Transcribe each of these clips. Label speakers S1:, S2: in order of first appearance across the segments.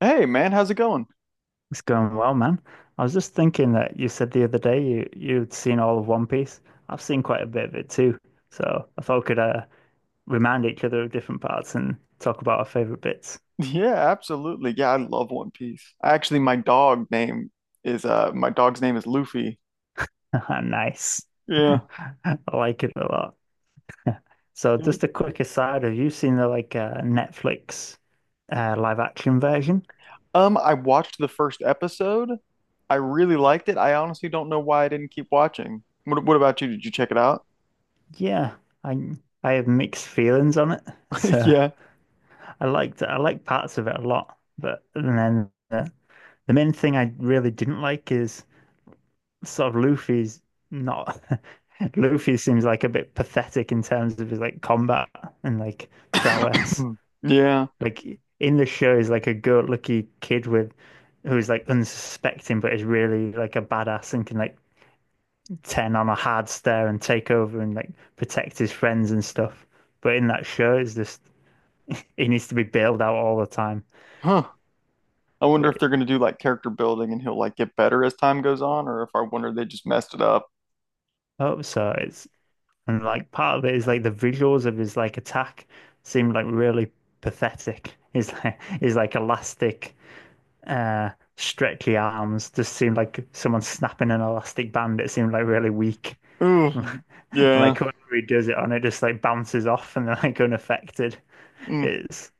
S1: Hey man, how's it going?
S2: It's going well, man. I was just thinking that you said the other day you'd seen all of One Piece. I've seen quite a bit of it too, so I thought we could remind each other of different parts and talk about our favorite bits.
S1: Yeah, absolutely. Yeah, I love One Piece. Actually, my dog's name is Luffy.
S2: Nice.
S1: Yeah.
S2: I like it a lot. So
S1: Yeah.
S2: just a quick aside, have you seen the like Netflix live action version?
S1: I watched the first episode. I really liked it. I honestly don't know why I didn't keep watching. What about you? Did you check it out?
S2: Yeah, I I have mixed feelings on it. So
S1: Yeah.
S2: I like parts of it a lot, but and then the main thing I really didn't like is sort of Luffy's not. Luffy seems like a bit pathetic in terms of his like combat and like prowess.
S1: Yeah.
S2: Like in the show he's like a good-lucky kid with who's like unsuspecting but is really like a badass and can like turn on a hard stare and take over and like protect his friends and stuff. But in that show it's just he needs to be bailed out all the time.
S1: Huh. I wonder
S2: But
S1: if they're gonna do like character building and he'll like get better as time goes on, or if I wonder they just messed it up.
S2: I hope so. It's. And like part of it is like the visuals of his like attack seemed like really pathetic. His like elastic stretchy arms just seemed like someone snapping an elastic band. It seemed like really weak.
S1: Ooh. Yeah.
S2: Like whoever he does it on, it just like bounces off and they're like unaffected.
S1: Mm-hmm.
S2: It's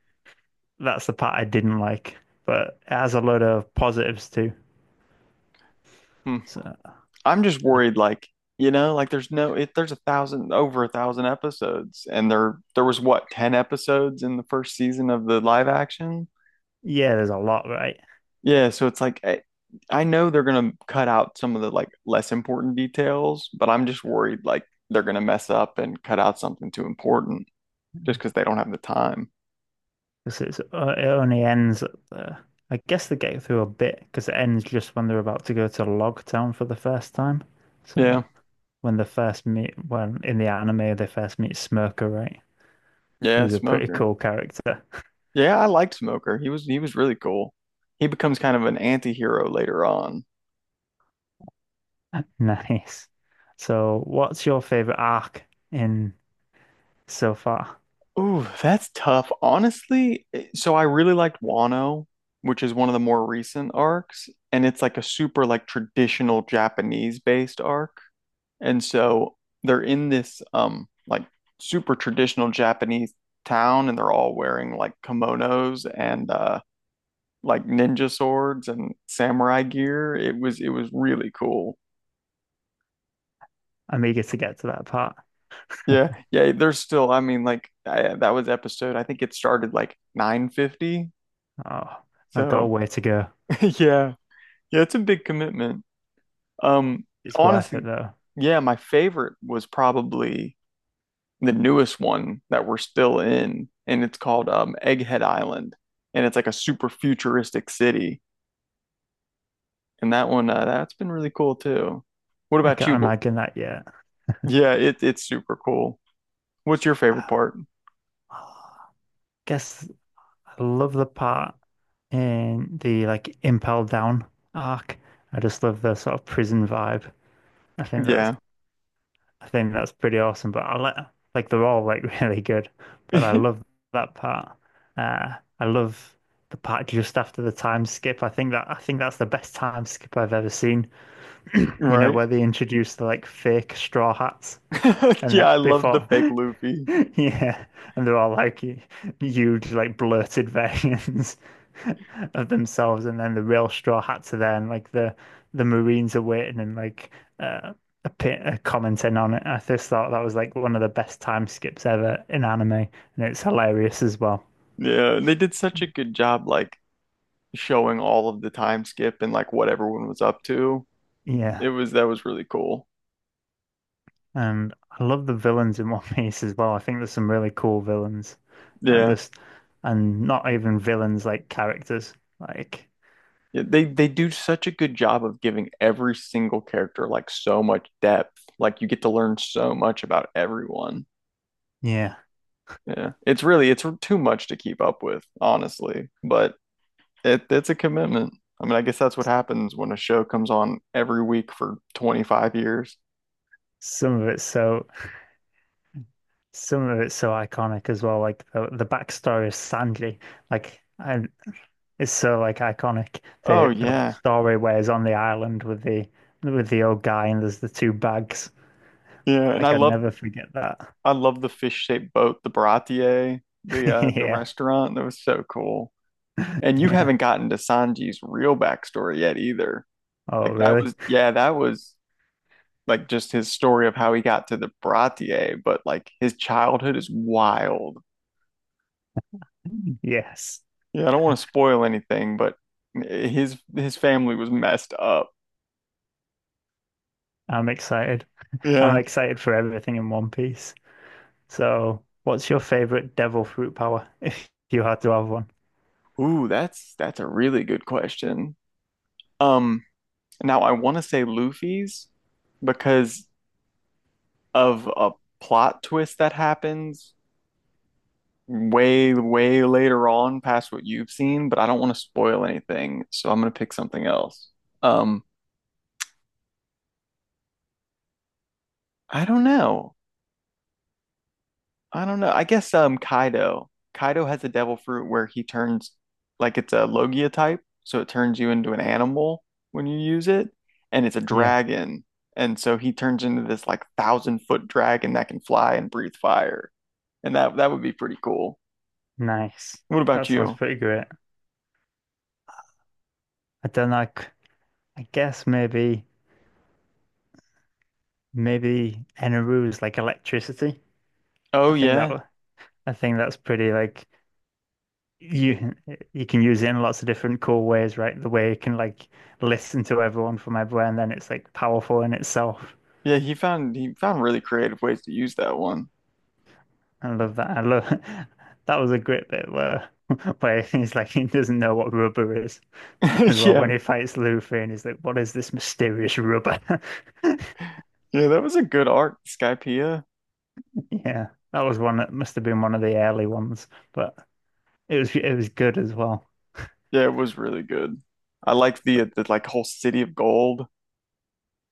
S2: that's the part I didn't like. But it has a load of positives too. So
S1: I'm just worried, like, you know, like there's no, if there's a thousand, over a thousand episodes, and there was what, 10 episodes in the first season of the live action?
S2: yeah, there's a lot, right?
S1: Yeah. So it's like, I know they're going to cut out some of the like less important details, but I'm just worried, like, they're going to mess up and cut out something too important just because they don't have the time.
S2: Because it's it only ends at the. I guess they get through a bit because it ends just when they're about to go to Log Town for the first time.
S1: Yeah.
S2: So when they first meet, when in the anime they first meet Smoker, right?
S1: Yeah.
S2: Who's a pretty
S1: Smoker.
S2: cool character.
S1: Yeah. I liked Smoker. He was really cool. He becomes kind of an anti-hero later on.
S2: Nice. So what's your favorite arc in so far?
S1: Ooh, that's tough. Honestly, so I really liked Wano, which is one of the more recent arcs, and it's like a super like traditional Japanese based arc. And so they're in this like super traditional Japanese town and they're all wearing like kimonos and like ninja swords and samurai gear. It was really cool.
S2: I'm eager to get to that part.
S1: Yeah, yeah, there's still, I mean, like I, that was episode, I think it started like 950.
S2: Oh, I've got a
S1: So,
S2: way to go.
S1: yeah. Yeah, it's a big commitment. Um,
S2: It's worth it
S1: honestly,
S2: though.
S1: yeah, my favorite was probably the newest one that we're still in, and it's called Egghead Island, and it's like a super futuristic city. And that one, that's been really cool too. What
S2: I
S1: about
S2: can't
S1: you?
S2: imagine that yet.
S1: Yeah, it's super cool. What's your favorite part?
S2: I guess I love the part in the like Impel Down arc. I just love the sort of prison vibe. I think that's
S1: Yeah,
S2: I think that's pretty awesome. But I like they're all like really good. But I love that part. Uh, I love the part just after the time skip. I think that I think that's the best time skip I've ever seen. You know
S1: right.
S2: where they introduce the like fake straw hats and
S1: Yeah, I
S2: that
S1: loved the
S2: before.
S1: fake Luffy.
S2: Yeah, and they're all like huge, like blurted versions of themselves, and then the real Straw Hats are there, and like the Marines are waiting and like uh, a pit, commenting on it. I just thought that was like one of the best time skips ever in anime, and it's hilarious as well.
S1: Yeah, they did such a good job, like showing all of the time skip and like what everyone was up to. It
S2: Yeah,
S1: was that was really cool.
S2: and I love the villains in One Piece as well. I think there's some really cool villains, and
S1: Yeah.
S2: just and not even villains like characters. Like,
S1: Yeah, they do such a good job of giving every single character like so much depth. Like you get to learn so much about everyone.
S2: yeah,
S1: Yeah. It's too much to keep up with, honestly, but it's a commitment. I mean, I guess that's what happens when a show comes on every week for 25 years.
S2: some of it's so. some of it's so iconic as well. Like the backstory of Sanji, like and it's so like iconic.
S1: Oh
S2: The like
S1: yeah.
S2: story where he's on the island with the old guy and there's the two bags.
S1: Yeah, and
S2: Like I'd never forget that.
S1: I love the fish-shaped boat, the Baratier, the
S2: Yeah,
S1: restaurant. That was so cool. And you
S2: yeah.
S1: haven't gotten to Sanji's real backstory yet either.
S2: Oh,
S1: Like that was,
S2: really?
S1: yeah, that was like just his story of how he got to the Bratier, but like his childhood is wild.
S2: Yes.
S1: Yeah, I don't want to spoil anything, but his family was messed up.
S2: I'm excited. I'm
S1: Yeah.
S2: excited for everything in One Piece. So, what's your favorite devil fruit power if you had to have one?
S1: Ooh, that's a really good question. Um, now I want to say Luffy's because of a plot twist that happens way, way later on past what you've seen, but I don't want to spoil anything, so I'm gonna pick something else. Um, I don't know. I don't know. I guess Kaido. Kaido has a devil fruit where he turns like it's a Logia type, so it turns you into an animal when you use it, and it's a
S2: Yeah,
S1: dragon. And so he turns into this like thousand foot dragon that can fly and breathe fire. And that would be pretty cool.
S2: nice.
S1: What
S2: That
S1: about
S2: sounds
S1: you?
S2: pretty great. I don't like. I guess maybe. Maybe Eneru is like electricity. I
S1: Oh
S2: think that
S1: yeah.
S2: wa- I think that's pretty like you you can use it in lots of different cool ways, right? The way you can like listen to everyone from everywhere, and then it's like powerful in itself.
S1: Yeah, he found really creative ways to use that one.
S2: I love that. I love that was a great bit where where he's like he doesn't know what rubber is as well
S1: Yeah,
S2: when he fights Luffy and he's like, what is this mysterious rubber?
S1: yeah, that was a good arc, Skypiea.
S2: Yeah, that was one that must have been one of the early ones, but it was good as well.
S1: Yeah, it was really good. I like the
S2: But,
S1: the like whole city of gold,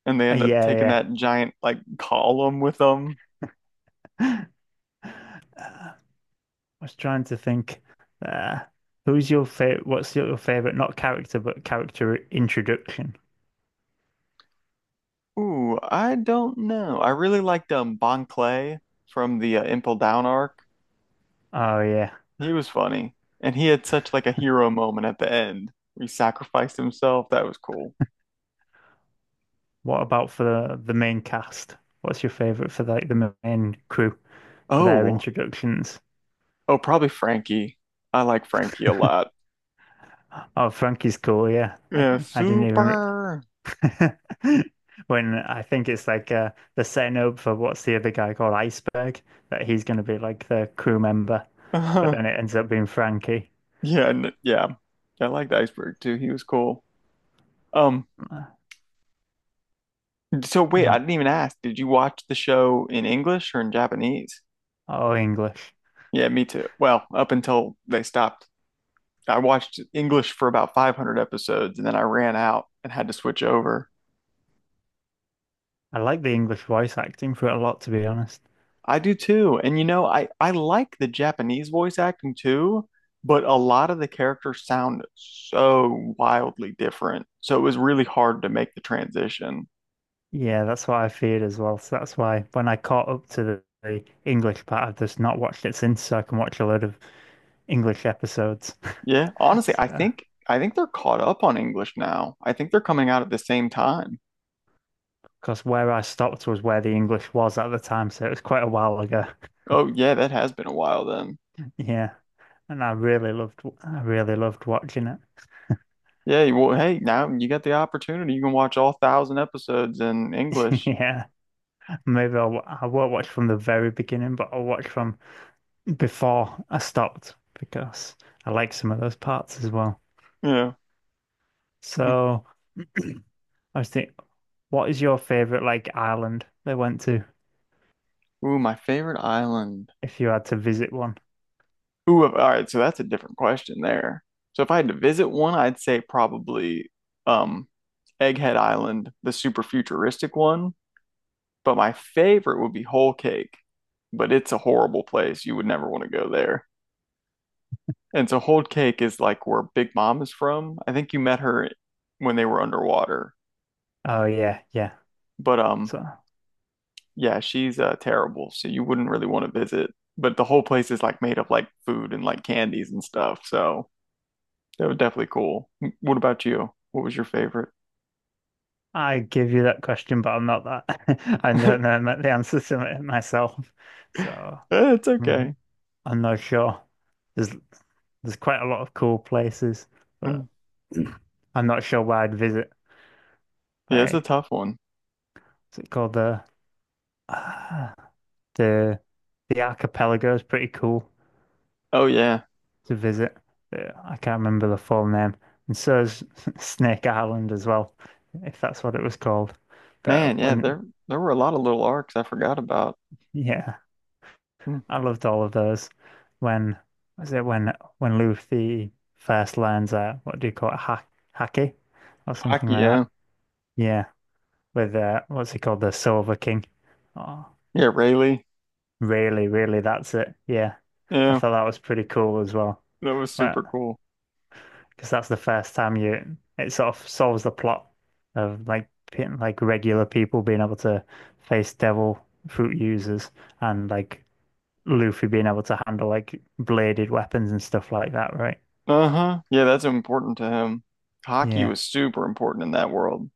S1: and they end up taking
S2: Yeah,
S1: that giant like column with them.
S2: yeah. Uh, I was trying to think. Uh, Who's your favorite? What's your favorite? Not character, but character introduction.
S1: Ooh, I don't know. I really liked Bon Clay from the Impel Down arc.
S2: Oh yeah.
S1: He was funny, and he had such like a hero moment at the end, where He sacrificed himself. That was cool.
S2: What about for the main cast? What's your favorite for like the main crew for their
S1: Oh,
S2: introductions?
S1: oh, probably Frankie. I like Frankie a lot.
S2: Oh, Frankie's cool. Yeah,
S1: Yeah,
S2: I didn't even
S1: super.
S2: re- when I think it's like the setting up for what's the other guy called Iceberg that he's going to be like the crew member, but then it ends up being Frankie.
S1: Yeah, and yeah. I liked Iceberg too. He was cool. Um,
S2: Uh,
S1: so wait, I didn't even ask. Did you watch the show in English or in Japanese?
S2: Oh, English.
S1: Yeah, me too. Well, up until they stopped. I watched English for about 500 episodes and then I ran out and had to switch over.
S2: I like the English voice acting for it a lot, to be honest.
S1: I do too. And you know, I like the Japanese voice acting too, but a lot of the characters sound so wildly different. So it was really hard to make the transition.
S2: Yeah, that's what I feared as well. So that's why when I caught up to the English part, I've just not watched it since, so I can watch a load of English episodes.
S1: Yeah, honestly,
S2: So,
S1: I think they're caught up on English now. I think they're coming out at the same time.
S2: because where I stopped was where the English was at the time, so it was quite a while ago.
S1: Oh yeah, that has been a while then.
S2: Yeah, and I really loved watching it.
S1: Yeah, well, hey, now you got the opportunity. You can watch all thousand episodes in English.
S2: Yeah, maybe I'll, I won't watch from the very beginning, but I'll watch from before I stopped because I like some of those parts as well.
S1: Yeah. Hmm.
S2: So. I was What is your favorite like island they went to
S1: Ooh, my favorite island.
S2: if you had to visit one?
S1: Ooh, all right, so that's a different question there. So if I had to visit one, I'd say probably um Egghead Island, the super futuristic one. But my favorite would be Whole Cake, but it's a horrible place. You would never want to go there. And so Hold Cake is like where Big Mom is from. I think you met her when they were underwater.
S2: Oh yeah, yeah.
S1: But
S2: So
S1: yeah, she's terrible, so you wouldn't really want to visit. But the whole place is like made of like food and like candies and stuff. So that was definitely cool. What about you? What was your favorite?
S2: I give you that question, but I'm not that. I don't know the answer to it myself, so
S1: Eh, it's
S2: mhm,
S1: okay.
S2: I'm not sure. There's there's quite a lot of cool places, but
S1: Mm.
S2: I'm not sure where I'd visit.
S1: Yeah, it's a
S2: Like,
S1: tough one.
S2: what's it called the uh, the the archipelago is pretty cool
S1: Oh yeah.
S2: to visit. I can't remember the full name. And so is Snake Island as well, if that's what it was called. But
S1: Man, yeah,
S2: when,
S1: there were a lot of little arcs I forgot about.
S2: yeah,
S1: Mm.
S2: I loved all of those. When was it when Luffy first learns what do you call it, ha haki or something
S1: Hockey,
S2: like
S1: yeah.
S2: that? Yeah, with what's he called, the Silver King? Oh,
S1: Yeah, Rayleigh.
S2: really, that's it. Yeah, I
S1: Yeah,
S2: thought that was pretty cool as well.
S1: that was super
S2: Well,
S1: cool.
S2: because that's the first time you it sort of solves the plot of like like regular people being able to face devil fruit users and like Luffy being able to handle like bladed weapons and stuff like that, right?
S1: Uh-huh. Yeah, that's important to him. Hockey
S2: Yeah,
S1: was super important in that world.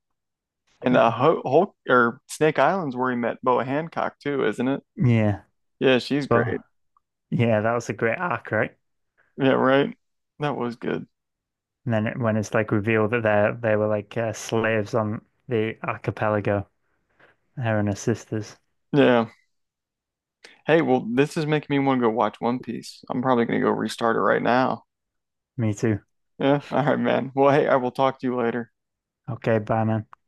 S1: And
S2: yeah,
S1: Ho Hulk or Snake Island's where he met Boa Hancock too, isn't it?
S2: yeah.
S1: Yeah, she's great.
S2: But yeah, that was a great arc, right?
S1: Yeah, right. That was good.
S2: And then it, when it's like revealed that they were like slaves on the archipelago, her and her sisters.
S1: Yeah. Hey, well, this is making me want to go watch One Piece. I'm probably gonna go restart it right now.
S2: Me too.
S1: Yeah. All right, man. Well, hey, I will talk to you later.
S2: Okay, bye, man.